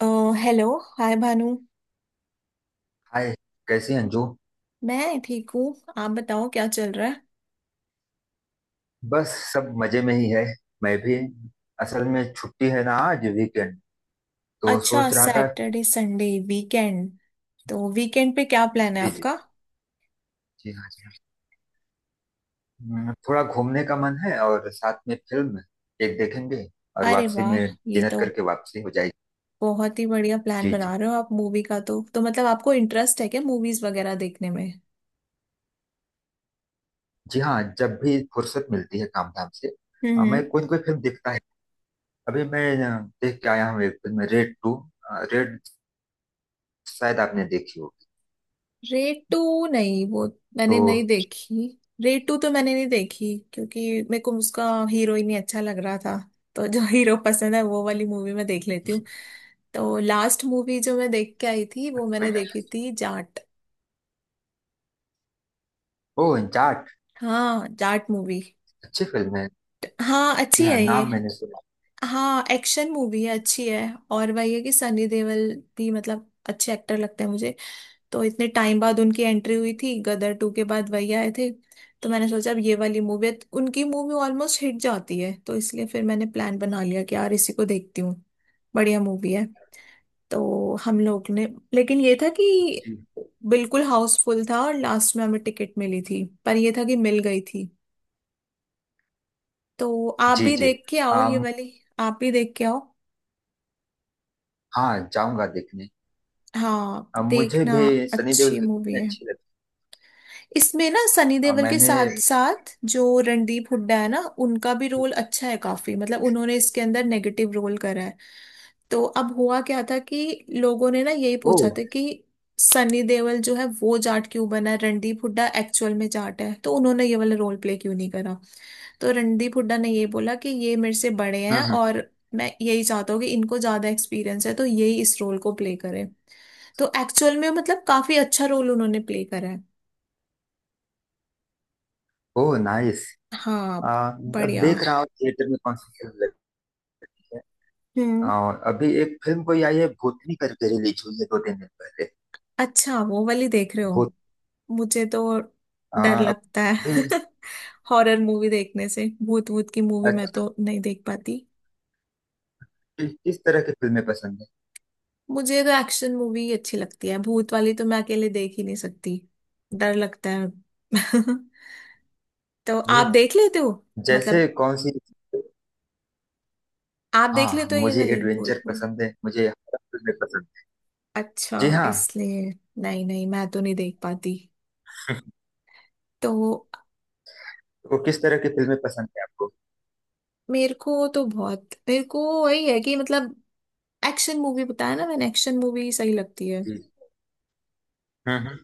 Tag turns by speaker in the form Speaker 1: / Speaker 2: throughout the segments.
Speaker 1: अ, hello. Hi Bhanu.
Speaker 2: Hi, कैसी हैं अंजू?
Speaker 1: मैं ठीक हूँ। आप बताओ क्या चल रहा है?
Speaker 2: बस सब मजे में ही है। मैं भी। असल में छुट्टी है ना आज, वीकेंड तो
Speaker 1: अच्छा
Speaker 2: सोच रहा था।
Speaker 1: Saturday Sunday weekend. तो वीकेंड पे क्या प्लान है
Speaker 2: जी, जी।
Speaker 1: आपका?
Speaker 2: जी हाँ, जी हाँ। थोड़ा घूमने का मन है और साथ में फिल्म एक देखेंगे, और
Speaker 1: अरे
Speaker 2: वापसी में
Speaker 1: वाह, ये
Speaker 2: डिनर
Speaker 1: तो
Speaker 2: करके वापसी हो जाएगी।
Speaker 1: बहुत ही बढ़िया प्लान
Speaker 2: जी, जी।
Speaker 1: बना रहे हो आप मूवी का। तो मतलब आपको इंटरेस्ट है क्या मूवीज वगैरह देखने में?
Speaker 2: जी हाँ, जब भी फुर्सत मिलती है काम धाम से। हाँ,
Speaker 1: हम्म।
Speaker 2: मैं कोई ना कोई फिल्म देखता है। अभी मैं देख के आया हूँ एक फिल्म, रेड टू। रेड, शायद आपने देखी होगी।
Speaker 1: रेटू नहीं वो,
Speaker 2: तो।
Speaker 1: मैंने नहीं देखी। रेटू तो मैंने नहीं देखी क्योंकि मेरे को उसका हीरो ही नहीं अच्छा लग रहा था। तो जो हीरो पसंद है वो वाली मूवी मैं देख लेती हूँ। तो लास्ट मूवी जो मैं देख के आई थी वो
Speaker 2: कोई
Speaker 1: मैंने
Speaker 2: ना।
Speaker 1: देखी थी जाट।
Speaker 2: ओ, जाट।
Speaker 1: हाँ जाट मूवी।
Speaker 2: अच्छी फिल्म है।
Speaker 1: हाँ अच्छी
Speaker 2: जी हाँ,
Speaker 1: है ये।
Speaker 2: नाम मैंने सुना।
Speaker 1: हाँ एक्शन मूवी है अच्छी है। और वही है कि सनी देओल भी मतलब अच्छे एक्टर लगते हैं मुझे। तो इतने टाइम बाद उनकी एंट्री हुई थी, गदर टू के बाद वही आए थे। तो मैंने सोचा अब ये वाली मूवी, उनकी मूवी ऑलमोस्ट हिट जाती है तो इसलिए फिर मैंने प्लान बना लिया कि यार इसी को देखती हूँ। बढ़िया मूवी है। तो हम लोग ने, लेकिन ये था कि
Speaker 2: जी,
Speaker 1: बिल्कुल हाउसफुल था और लास्ट में हमें टिकट मिली थी, पर ये था कि मिल गई थी। तो आप
Speaker 2: जी।
Speaker 1: भी
Speaker 2: जी।
Speaker 1: देख के आओ ये
Speaker 2: अम,
Speaker 1: वाली। आप भी देख के आओ।
Speaker 2: हाँ, जाऊंगा देखने।
Speaker 1: हाँ
Speaker 2: मुझे
Speaker 1: देखना।
Speaker 2: भी सनी देओल
Speaker 1: अच्छी
Speaker 2: की
Speaker 1: मूवी
Speaker 2: कितनी
Speaker 1: है।
Speaker 2: अच्छी लगी।
Speaker 1: इसमें ना सनी देओल के
Speaker 2: मैंने।
Speaker 1: साथ साथ जो रणदीप हुड्डा है ना, उनका भी रोल अच्छा है काफी, मतलब उन्होंने इसके अंदर नेगेटिव रोल करा है। तो अब हुआ क्या था कि लोगों ने ना यही
Speaker 2: ओ।
Speaker 1: पूछा था कि सनी देओल जो है वो जाट क्यों बना है, रणदीप हुड्डा एक्चुअल में जाट है तो उन्होंने ये वाला रोल प्ले क्यों नहीं करा। तो रणदीप हुड्डा ने ये बोला कि ये मेरे से बड़े
Speaker 2: हम्म,
Speaker 1: हैं
Speaker 2: हम्म।
Speaker 1: और मैं यही चाहता हूँ कि इनको ज्यादा एक्सपीरियंस है तो यही इस रोल को प्ले करें। तो एक्चुअल में मतलब काफी अच्छा रोल उन्होंने प्ले करा है।
Speaker 2: ओ, नाइस।
Speaker 1: हाँ।
Speaker 2: अब
Speaker 1: बढ़िया।
Speaker 2: देख रहा हूँ थिएटर में कौन सी फिल्म लगी है।
Speaker 1: हम्म।
Speaker 2: अ, अभी एक फिल्म कोई आई है, भूतनी करके, रिलीज हुई है 2-3 दिन पहले।
Speaker 1: अच्छा वो वाली देख रहे हो?
Speaker 2: भूत।
Speaker 1: मुझे तो
Speaker 2: अ,
Speaker 1: डर लगता है।
Speaker 2: अभी।
Speaker 1: हॉरर मूवी देखने से भूत भूत की मूवी मैं
Speaker 2: अच्छा,
Speaker 1: तो नहीं देख पाती।
Speaker 2: किस किस तरह की फिल्में पसंद है?
Speaker 1: मुझे तो एक्शन मूवी ही अच्छी लगती है, भूत वाली तो मैं अकेले देख ही नहीं सकती। डर लगता है। तो
Speaker 2: ओ,
Speaker 1: आप देख लेते हो?
Speaker 2: जैसे
Speaker 1: मतलब
Speaker 2: कौन सी?
Speaker 1: आप देख
Speaker 2: हाँ,
Speaker 1: लेते हो ये
Speaker 2: मुझे
Speaker 1: वाली भूत
Speaker 2: एडवेंचर
Speaker 1: भूत?
Speaker 2: पसंद है, मुझे हॉरर फिल्में पसंद है। जी
Speaker 1: अच्छा
Speaker 2: हाँ।
Speaker 1: इसलिए। नहीं नहीं, मैं तो नहीं देख पाती। तो
Speaker 2: वो, किस तरह की फिल्में पसंद है आपको?
Speaker 1: मेरे को तो बहुत, मेरे को वही है कि मतलब एक्शन मूवी बताया ना मैंने, एक्शन मूवी सही लगती है।
Speaker 2: जी, हम्म।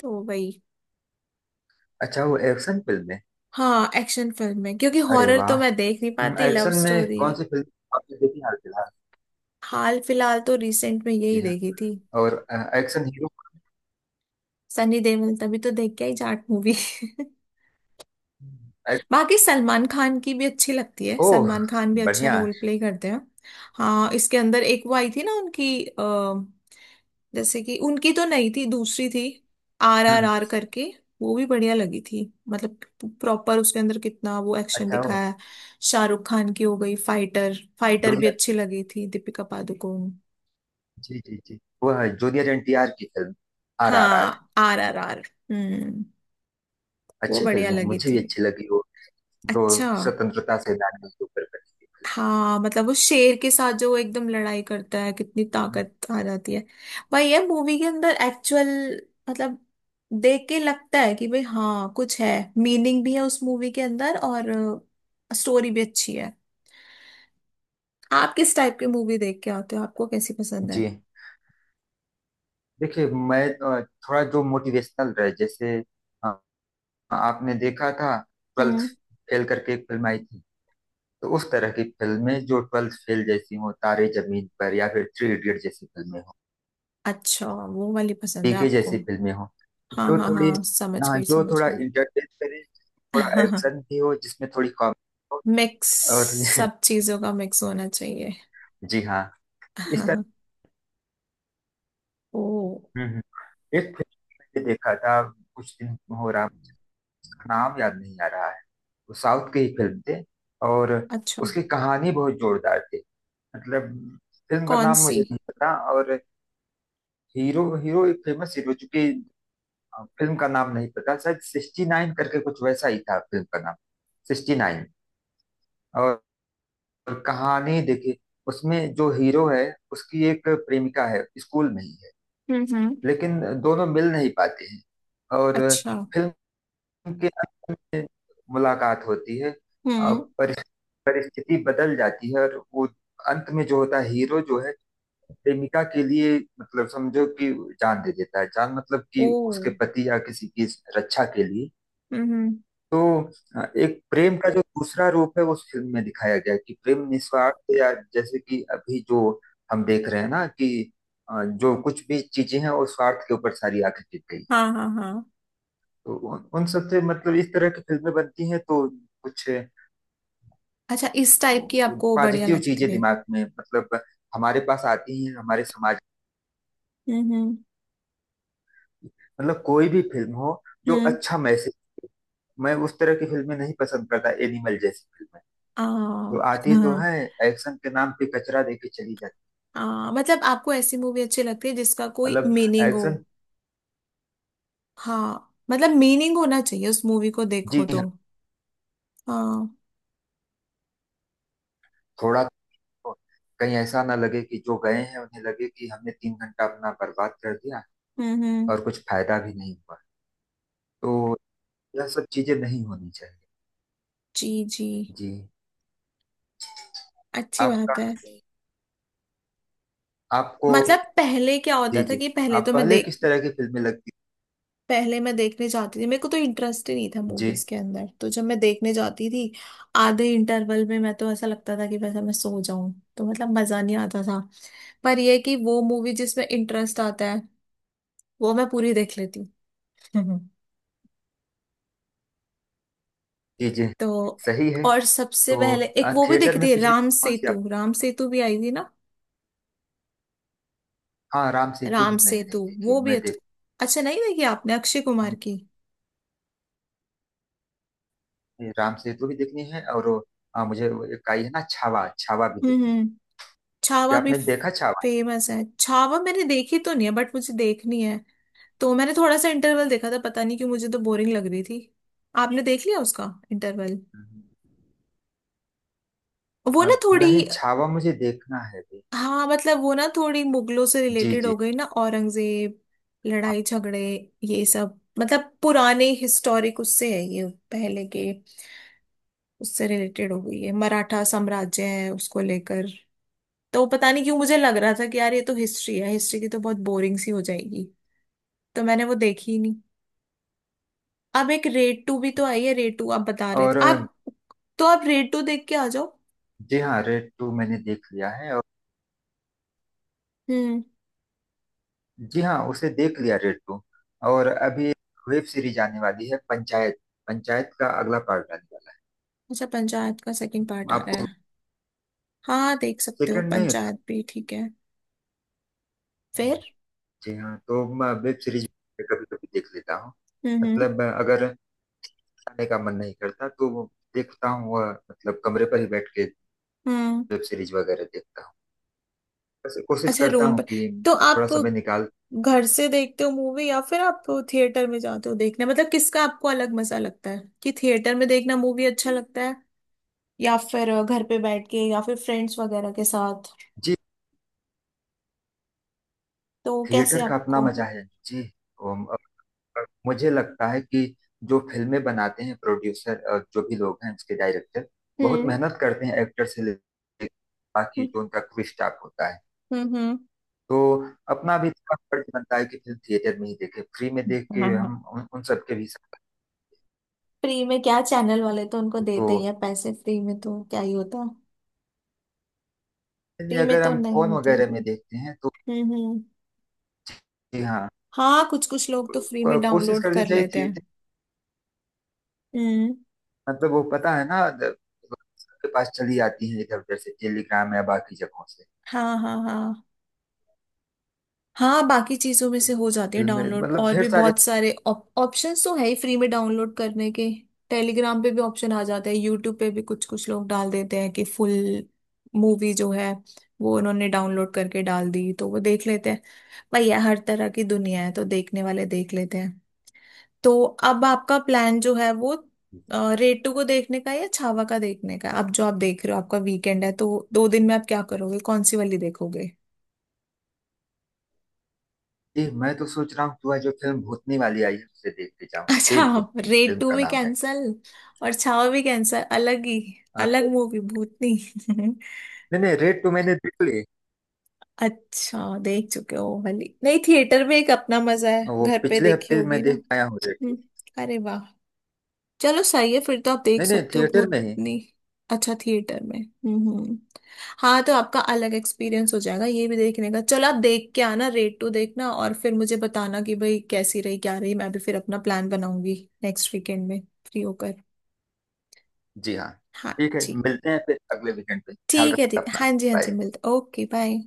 Speaker 1: तो वही।
Speaker 2: अच्छा, वो एक्शन फिल्म है।
Speaker 1: हाँ एक्शन फिल्म है क्योंकि
Speaker 2: अरे
Speaker 1: हॉरर तो मैं
Speaker 2: वाह।
Speaker 1: देख नहीं पाती, लव
Speaker 2: एक्शन में
Speaker 1: स्टोरी।
Speaker 2: कौन सी फिल्म आपने देखी हाल फिलहाल?
Speaker 1: हाल फिलहाल तो रिसेंट में यही
Speaker 2: जी हाँ
Speaker 1: देखी थी।
Speaker 2: और एक्शन हीरो।
Speaker 1: सनी देओल, तभी तो देख के आई जाट मूवी।
Speaker 2: एक।
Speaker 1: बाकी सलमान खान की भी अच्छी लगती है,
Speaker 2: ओह,
Speaker 1: सलमान खान भी अच्छा
Speaker 2: बढ़िया।
Speaker 1: रोल प्ले करते हैं। हाँ इसके अंदर एक वो आई थी ना उनकी, जैसे कि उनकी तो नहीं थी, दूसरी थी। आर
Speaker 2: हम्म,
Speaker 1: आर आर करके, वो भी बढ़िया लगी थी। मतलब प्रॉपर उसके अंदर कितना वो एक्शन
Speaker 2: अच्छा, वो
Speaker 1: दिखाया है। शाहरुख खान की हो गई फाइटर। फाइटर भी
Speaker 2: जूनियर।
Speaker 1: अच्छी लगी थी, दीपिका पादुकोण।
Speaker 2: जी, जी, जी। वो है जूनियर एनटीआर की फिल्म RRR।
Speaker 1: हाँ आर आर आर। हम्म। वो
Speaker 2: अच्छी
Speaker 1: बढ़िया
Speaker 2: फिल्म है,
Speaker 1: लगी
Speaker 2: मुझे भी
Speaker 1: थी।
Speaker 2: अच्छी लगी वो। दो
Speaker 1: अच्छा।
Speaker 2: स्वतंत्रता सेनानियों के ऊपर बनी हुई फिल्म।
Speaker 1: हाँ मतलब वो शेर के साथ जो वो एकदम लड़ाई करता है, कितनी
Speaker 2: हम्म,
Speaker 1: ताकत आ जाती है। भाई ये मूवी के अंदर एक्चुअल मतलब देख के लगता है कि भाई हाँ कुछ है, मीनिंग भी है उस मूवी के अंदर, और स्टोरी भी अच्छी है। आप किस टाइप की मूवी देख के आते हो, आपको कैसी पसंद है?
Speaker 2: जी। देखिए, मैं थोड़ा जो मोटिवेशनल रहे जैसे। अ, आपने देखा था ट्वेल्थ
Speaker 1: हम्म।
Speaker 2: फेल करके एक फिल्म आई थी। तो उस तरह की फिल्में जो ट्वेल्थ फेल जैसी हो, तारे जमीन पर या फिर थ्री इडियट जैसी फिल्में हो,
Speaker 1: अच्छा वो वाली पसंद है
Speaker 2: पीके
Speaker 1: आपको?
Speaker 2: जैसी फिल्में हो,
Speaker 1: हाँ
Speaker 2: जो
Speaker 1: हाँ
Speaker 2: थोड़ी।
Speaker 1: हाँ, समझ
Speaker 2: हाँ,
Speaker 1: गई
Speaker 2: जो
Speaker 1: समझ
Speaker 2: थोड़ा
Speaker 1: गई।
Speaker 2: इंटरटेन करे, थोड़ा एक्शन भी हो जिसमें थोड़ी कॉमेडी हो,
Speaker 1: मिक्स।
Speaker 2: और
Speaker 1: सब चीजों का मिक्स होना चाहिए।
Speaker 2: जी हाँ, इस तरह।
Speaker 1: ओ।
Speaker 2: हम्म, एक फिल्म मैंने देखा था, कुछ दिन हो रहा मुझे, उसका नाम याद नहीं आ रहा है। वो साउथ की ही फिल्म थी, और
Speaker 1: अच्छा।
Speaker 2: उसकी कहानी बहुत जोरदार थी। मतलब फिल्म का
Speaker 1: कौन
Speaker 2: नाम
Speaker 1: सी?
Speaker 2: मुझे नहीं पता, और हीरो, हीरो एक फेमस हीरो चूंकि। हाँ, फिल्म का नाम नहीं पता, शायद 69 करके कुछ वैसा ही था फिल्म का नाम। 69। और और कहानी देखिए, उसमें जो हीरो है, उसकी एक प्रेमिका है, स्कूल में ही है,
Speaker 1: हम्म।
Speaker 2: लेकिन दोनों मिल नहीं पाते हैं, और
Speaker 1: अच्छा।
Speaker 2: फिल्म के अंत में मुलाकात होती है, और
Speaker 1: हम्म।
Speaker 2: परिस्थिति बदल जाती है, और वो अंत में जो होता है, हीरो जो है, प्रेमिका के लिए, मतलब समझो कि जान दे देता है, जान मतलब कि
Speaker 1: ओ।
Speaker 2: उसके पति या किसी की रक्षा के लिए।
Speaker 1: हम्म।
Speaker 2: तो एक प्रेम का जो दूसरा रूप है वो उस फिल्म में दिखाया गया है कि प्रेम निस्वार्थ, या जैसे कि अभी जो हम देख रहे हैं ना कि जो कुछ भी चीजें हैं वो स्वार्थ के ऊपर सारी आके टिक गई है।
Speaker 1: हाँ हाँ हाँ।
Speaker 2: तो उन उन सबसे मतलब इस तरह की फिल्में बनती हैं, तो कुछ
Speaker 1: अच्छा इस टाइप की आपको बढ़िया
Speaker 2: पॉजिटिव चीजें
Speaker 1: लगती है?
Speaker 2: दिमाग में, मतलब हमारे पास आती हैं हमारे समाज
Speaker 1: हम्म।
Speaker 2: की। मतलब कोई भी फिल्म हो, जो
Speaker 1: हम्म।
Speaker 2: अच्छा मैसेज। मैं उस तरह की फिल्में नहीं पसंद करता, एनिमल जैसी फिल्में
Speaker 1: आ।
Speaker 2: जो आती तो
Speaker 1: हाँ।
Speaker 2: है, एक्शन के नाम पे कचरा देके चली जाती।
Speaker 1: आ मतलब आपको ऐसी मूवी अच्छी लगती है जिसका कोई
Speaker 2: मतलब
Speaker 1: मीनिंग हो?
Speaker 2: एक्शन।
Speaker 1: हाँ मतलब मीनिंग होना चाहिए उस मूवी को, देखो
Speaker 2: जी
Speaker 1: तो।
Speaker 2: हाँ।
Speaker 1: हाँ।
Speaker 2: थोड़ा, तो कहीं ऐसा ना लगे कि जो गए हैं उन्हें लगे कि हमने 3 घंटा अपना बर्बाद कर दिया,
Speaker 1: हम्म।
Speaker 2: और कुछ फायदा भी नहीं हुआ। तो यह सब चीजें नहीं होनी चाहिए।
Speaker 1: जी जी।
Speaker 2: जी।
Speaker 1: अच्छी
Speaker 2: आपका,
Speaker 1: बात है।
Speaker 2: आपको।
Speaker 1: मतलब पहले क्या होता
Speaker 2: जी,
Speaker 1: था
Speaker 2: जी।
Speaker 1: कि पहले
Speaker 2: आप
Speaker 1: तो मैं
Speaker 2: पहले
Speaker 1: देख,
Speaker 2: किस तरह की फिल्में लगती।
Speaker 1: पहले मैं देखने जाती थी, मेरे को तो इंटरेस्ट ही नहीं था
Speaker 2: जी,
Speaker 1: मूवीज के अंदर, तो जब मैं देखने जाती थी आधे इंटरवल में मैं तो, ऐसा लगता था कि वैसा मैं सो जाऊं। तो मतलब मजा नहीं आता था। पर ये है कि वो मूवी जिसमें इंटरेस्ट आता है वो मैं पूरी देख लेती हूँ।
Speaker 2: जी, जी।
Speaker 1: तो
Speaker 2: सही है।
Speaker 1: और सबसे
Speaker 2: तो
Speaker 1: पहले एक वो भी
Speaker 2: थिएटर
Speaker 1: देखी
Speaker 2: में
Speaker 1: थी
Speaker 2: पिछली
Speaker 1: राम
Speaker 2: कौन सी आप।
Speaker 1: सेतु, राम सेतु भी आई थी ना।
Speaker 2: हाँ, राम सेतु
Speaker 1: राम
Speaker 2: भी मैंने
Speaker 1: सेतु
Speaker 2: नहीं देखी,
Speaker 1: वो भी
Speaker 2: मैं
Speaker 1: अच्छा।
Speaker 2: देख।
Speaker 1: अच्छा नहीं देखी आपने, अक्षय कुमार
Speaker 2: हम।
Speaker 1: की?
Speaker 2: राम सेतु भी देखनी है और वो, मुझे वो एक आई है ना छावा, छावा भी देखनी है।
Speaker 1: हम्म। छावा
Speaker 2: क्या
Speaker 1: भी।
Speaker 2: आपने देखा छावा?
Speaker 1: फेमस है छावा, मैंने देखी तो नहीं है बट मुझे देखनी है। तो मैंने थोड़ा सा इंटरवल देखा था, पता नहीं क्यों मुझे तो बोरिंग लग रही थी। आपने देख लिया उसका इंटरवल?
Speaker 2: हम्म।
Speaker 1: वो ना
Speaker 2: नहीं,
Speaker 1: थोड़ी।
Speaker 2: छावा मुझे देखना है भी।
Speaker 1: हाँ मतलब वो ना थोड़ी मुगलों से
Speaker 2: जी,
Speaker 1: रिलेटेड
Speaker 2: जी।
Speaker 1: हो गई ना, औरंगजेब,
Speaker 2: हाँ
Speaker 1: लड़ाई झगड़े, ये सब मतलब पुराने हिस्टोरिक उससे है ये, पहले के उससे रिलेटेड हो गई है, मराठा साम्राज्य है उसको लेकर। तो पता नहीं क्यों मुझे लग रहा था कि यार ये तो हिस्ट्री है, हिस्ट्री की तो बहुत बोरिंग सी हो जाएगी। तो मैंने वो देखी ही। अब एक रेड टू भी तो आई है, रेड टू आप बता रहे थे
Speaker 2: और,
Speaker 1: आप, तो आप रेड टू देख के आ जाओ।
Speaker 2: जी हाँ, रेड टू मैंने देख लिया है, और
Speaker 1: हम्म।
Speaker 2: जी हाँ, उसे देख लिया रेड टू। और अभी वेब सीरीज आने वाली है पंचायत। पंचायत का अगला पार्ट आने वाला
Speaker 1: अच्छा पंचायत का
Speaker 2: है
Speaker 1: सेकंड पार्ट आ रहा
Speaker 2: आपको।
Speaker 1: है? हाँ देख सकते हो,
Speaker 2: सेकंड नहीं था।
Speaker 1: पंचायत भी ठीक है फिर।
Speaker 2: जी हाँ, तो मैं वेब सीरीज कभी कभी देख लेता हूँ।
Speaker 1: हम्म।
Speaker 2: मतलब अगर जाने का मन नहीं करता तो वो देखता हूँ, वह मतलब कमरे पर ही बैठ के
Speaker 1: हम्म।
Speaker 2: वेब सीरीज वगैरह देखता हूँ। बस कोशिश
Speaker 1: अच्छा
Speaker 2: करता
Speaker 1: रूम
Speaker 2: हूँ
Speaker 1: पर।
Speaker 2: कि
Speaker 1: तो आप
Speaker 2: थोड़ा समय निकाल।
Speaker 1: घर से देखते हो मूवी या फिर आप थिएटर में जाते हो देखने? मतलब किसका आपको अलग मजा लगता है? कि थिएटर में देखना मूवी अच्छा लगता है, या फिर घर पे बैठ के, या फिर फ्रेंड्स वगैरह के साथ?
Speaker 2: जी।
Speaker 1: तो कैसे
Speaker 2: थिएटर का अपना
Speaker 1: आपको?
Speaker 2: मजा है जी। उम, अ, मुझे लगता है कि जो फिल्में बनाते हैं प्रोड्यूसर, जो भी लोग हैं, उसके डायरेक्टर, बहुत
Speaker 1: हम्म
Speaker 2: मेहनत करते हैं एक्टर से लेकर बाकी जो उनका क्रू स्टाफ होता है।
Speaker 1: हम्म। हम्म।
Speaker 2: तो अपना भी थोड़ा फर्ज बनता है कि फिल्म थिएटर में ही देखें, फ्री में देख के
Speaker 1: हम्म।
Speaker 2: हम उन सबके भी साथ।
Speaker 1: फ्री में क्या, चैनल वाले तो उनको
Speaker 2: तो
Speaker 1: देते ही हैं पैसे, फ्री में तो क्या ही होता।
Speaker 2: यानी
Speaker 1: फ्री में
Speaker 2: अगर
Speaker 1: तो
Speaker 2: हम
Speaker 1: नहीं
Speaker 2: फोन
Speaker 1: होती
Speaker 2: वगैरह
Speaker 1: होगी।
Speaker 2: में देखते हैं तो,
Speaker 1: हम्म।
Speaker 2: जी हाँ,
Speaker 1: हाँ कुछ कुछ लोग तो फ्री में
Speaker 2: कोशिश
Speaker 1: डाउनलोड
Speaker 2: करनी
Speaker 1: कर
Speaker 2: चाहिए
Speaker 1: लेते हैं।
Speaker 2: थिएटर।
Speaker 1: हम्म।
Speaker 2: मतलब वो पता है ना सबके पास चली आती है इधर उधर से, टेलीग्राम या बाकी जगहों से
Speaker 1: हाँ हाँ हाँ। हाँ बाकी चीजों में से हो जाती है
Speaker 2: फिल्में,
Speaker 1: डाउनलोड,
Speaker 2: मतलब
Speaker 1: और
Speaker 2: ढेर
Speaker 1: भी
Speaker 2: सारे।
Speaker 1: बहुत सारे ऑप्शंस तो है ही फ्री में डाउनलोड करने के। टेलीग्राम पे भी ऑप्शन आ जाते हैं, यूट्यूब पे भी कुछ कुछ लोग डाल देते हैं कि फुल मूवी जो है वो उन्होंने डाउनलोड करके डाल दी, तो वो देख लेते हैं। भैया हर तरह की दुनिया है तो देखने वाले देख लेते हैं। तो अब आपका प्लान जो है वो, रेटू को देखने का है या छावा का देखने का है? अब जो आप देख रहे हो, आपका वीकेंड है, तो 2 दिन में आप क्या करोगे, कौन सी वाली देखोगे?
Speaker 2: मैं तो सोच रहा हूँ तू आज जो फिल्म भूतनी वाली आई है उसे देखते जाऊँ। ए,
Speaker 1: अच्छा आप
Speaker 2: भूतनी फिल्म
Speaker 1: रेटू
Speaker 2: का
Speaker 1: भी
Speaker 2: नाम है।
Speaker 1: कैंसल और छावा भी कैंसल, अलग ही
Speaker 2: हाँ,
Speaker 1: अलग
Speaker 2: तो
Speaker 1: मूवी भूतनी।
Speaker 2: नहीं नहीं, रेड टू मैंने देख ली।
Speaker 1: अच्छा देख चुके हो वो वाली? नहीं, थिएटर में एक अपना मजा है,
Speaker 2: वो
Speaker 1: घर पे
Speaker 2: पिछले
Speaker 1: देखी
Speaker 2: हफ्ते मैं
Speaker 1: होगी ना।
Speaker 2: देख आया हूँ रेड टू।
Speaker 1: हम्म, अरे वाह, चलो सही है फिर, तो आप देख
Speaker 2: नहीं नहीं,
Speaker 1: सकते हो
Speaker 2: थिएटर में ही।
Speaker 1: भूतनी। अच्छा थिएटर में। हम्म। हाँ तो आपका अलग एक्सपीरियंस हो जाएगा ये भी देखने का, चलो आप देख के आना, रेट टू देखना और फिर मुझे बताना कि भाई कैसी रही क्या रही, मैं भी फिर अपना प्लान बनाऊंगी नेक्स्ट वीकेंड में, फ्री होकर।
Speaker 2: जी हाँ,
Speaker 1: हाँ
Speaker 2: ठीक है,
Speaker 1: जी।
Speaker 2: मिलते हैं फिर अगले वीकेंड पे। ख्याल
Speaker 1: ठीक है
Speaker 2: रखना
Speaker 1: ठीक है,
Speaker 2: अपना।
Speaker 1: हाँ जी हाँ जी,
Speaker 2: बाय।
Speaker 1: मिलते, ओके बाय।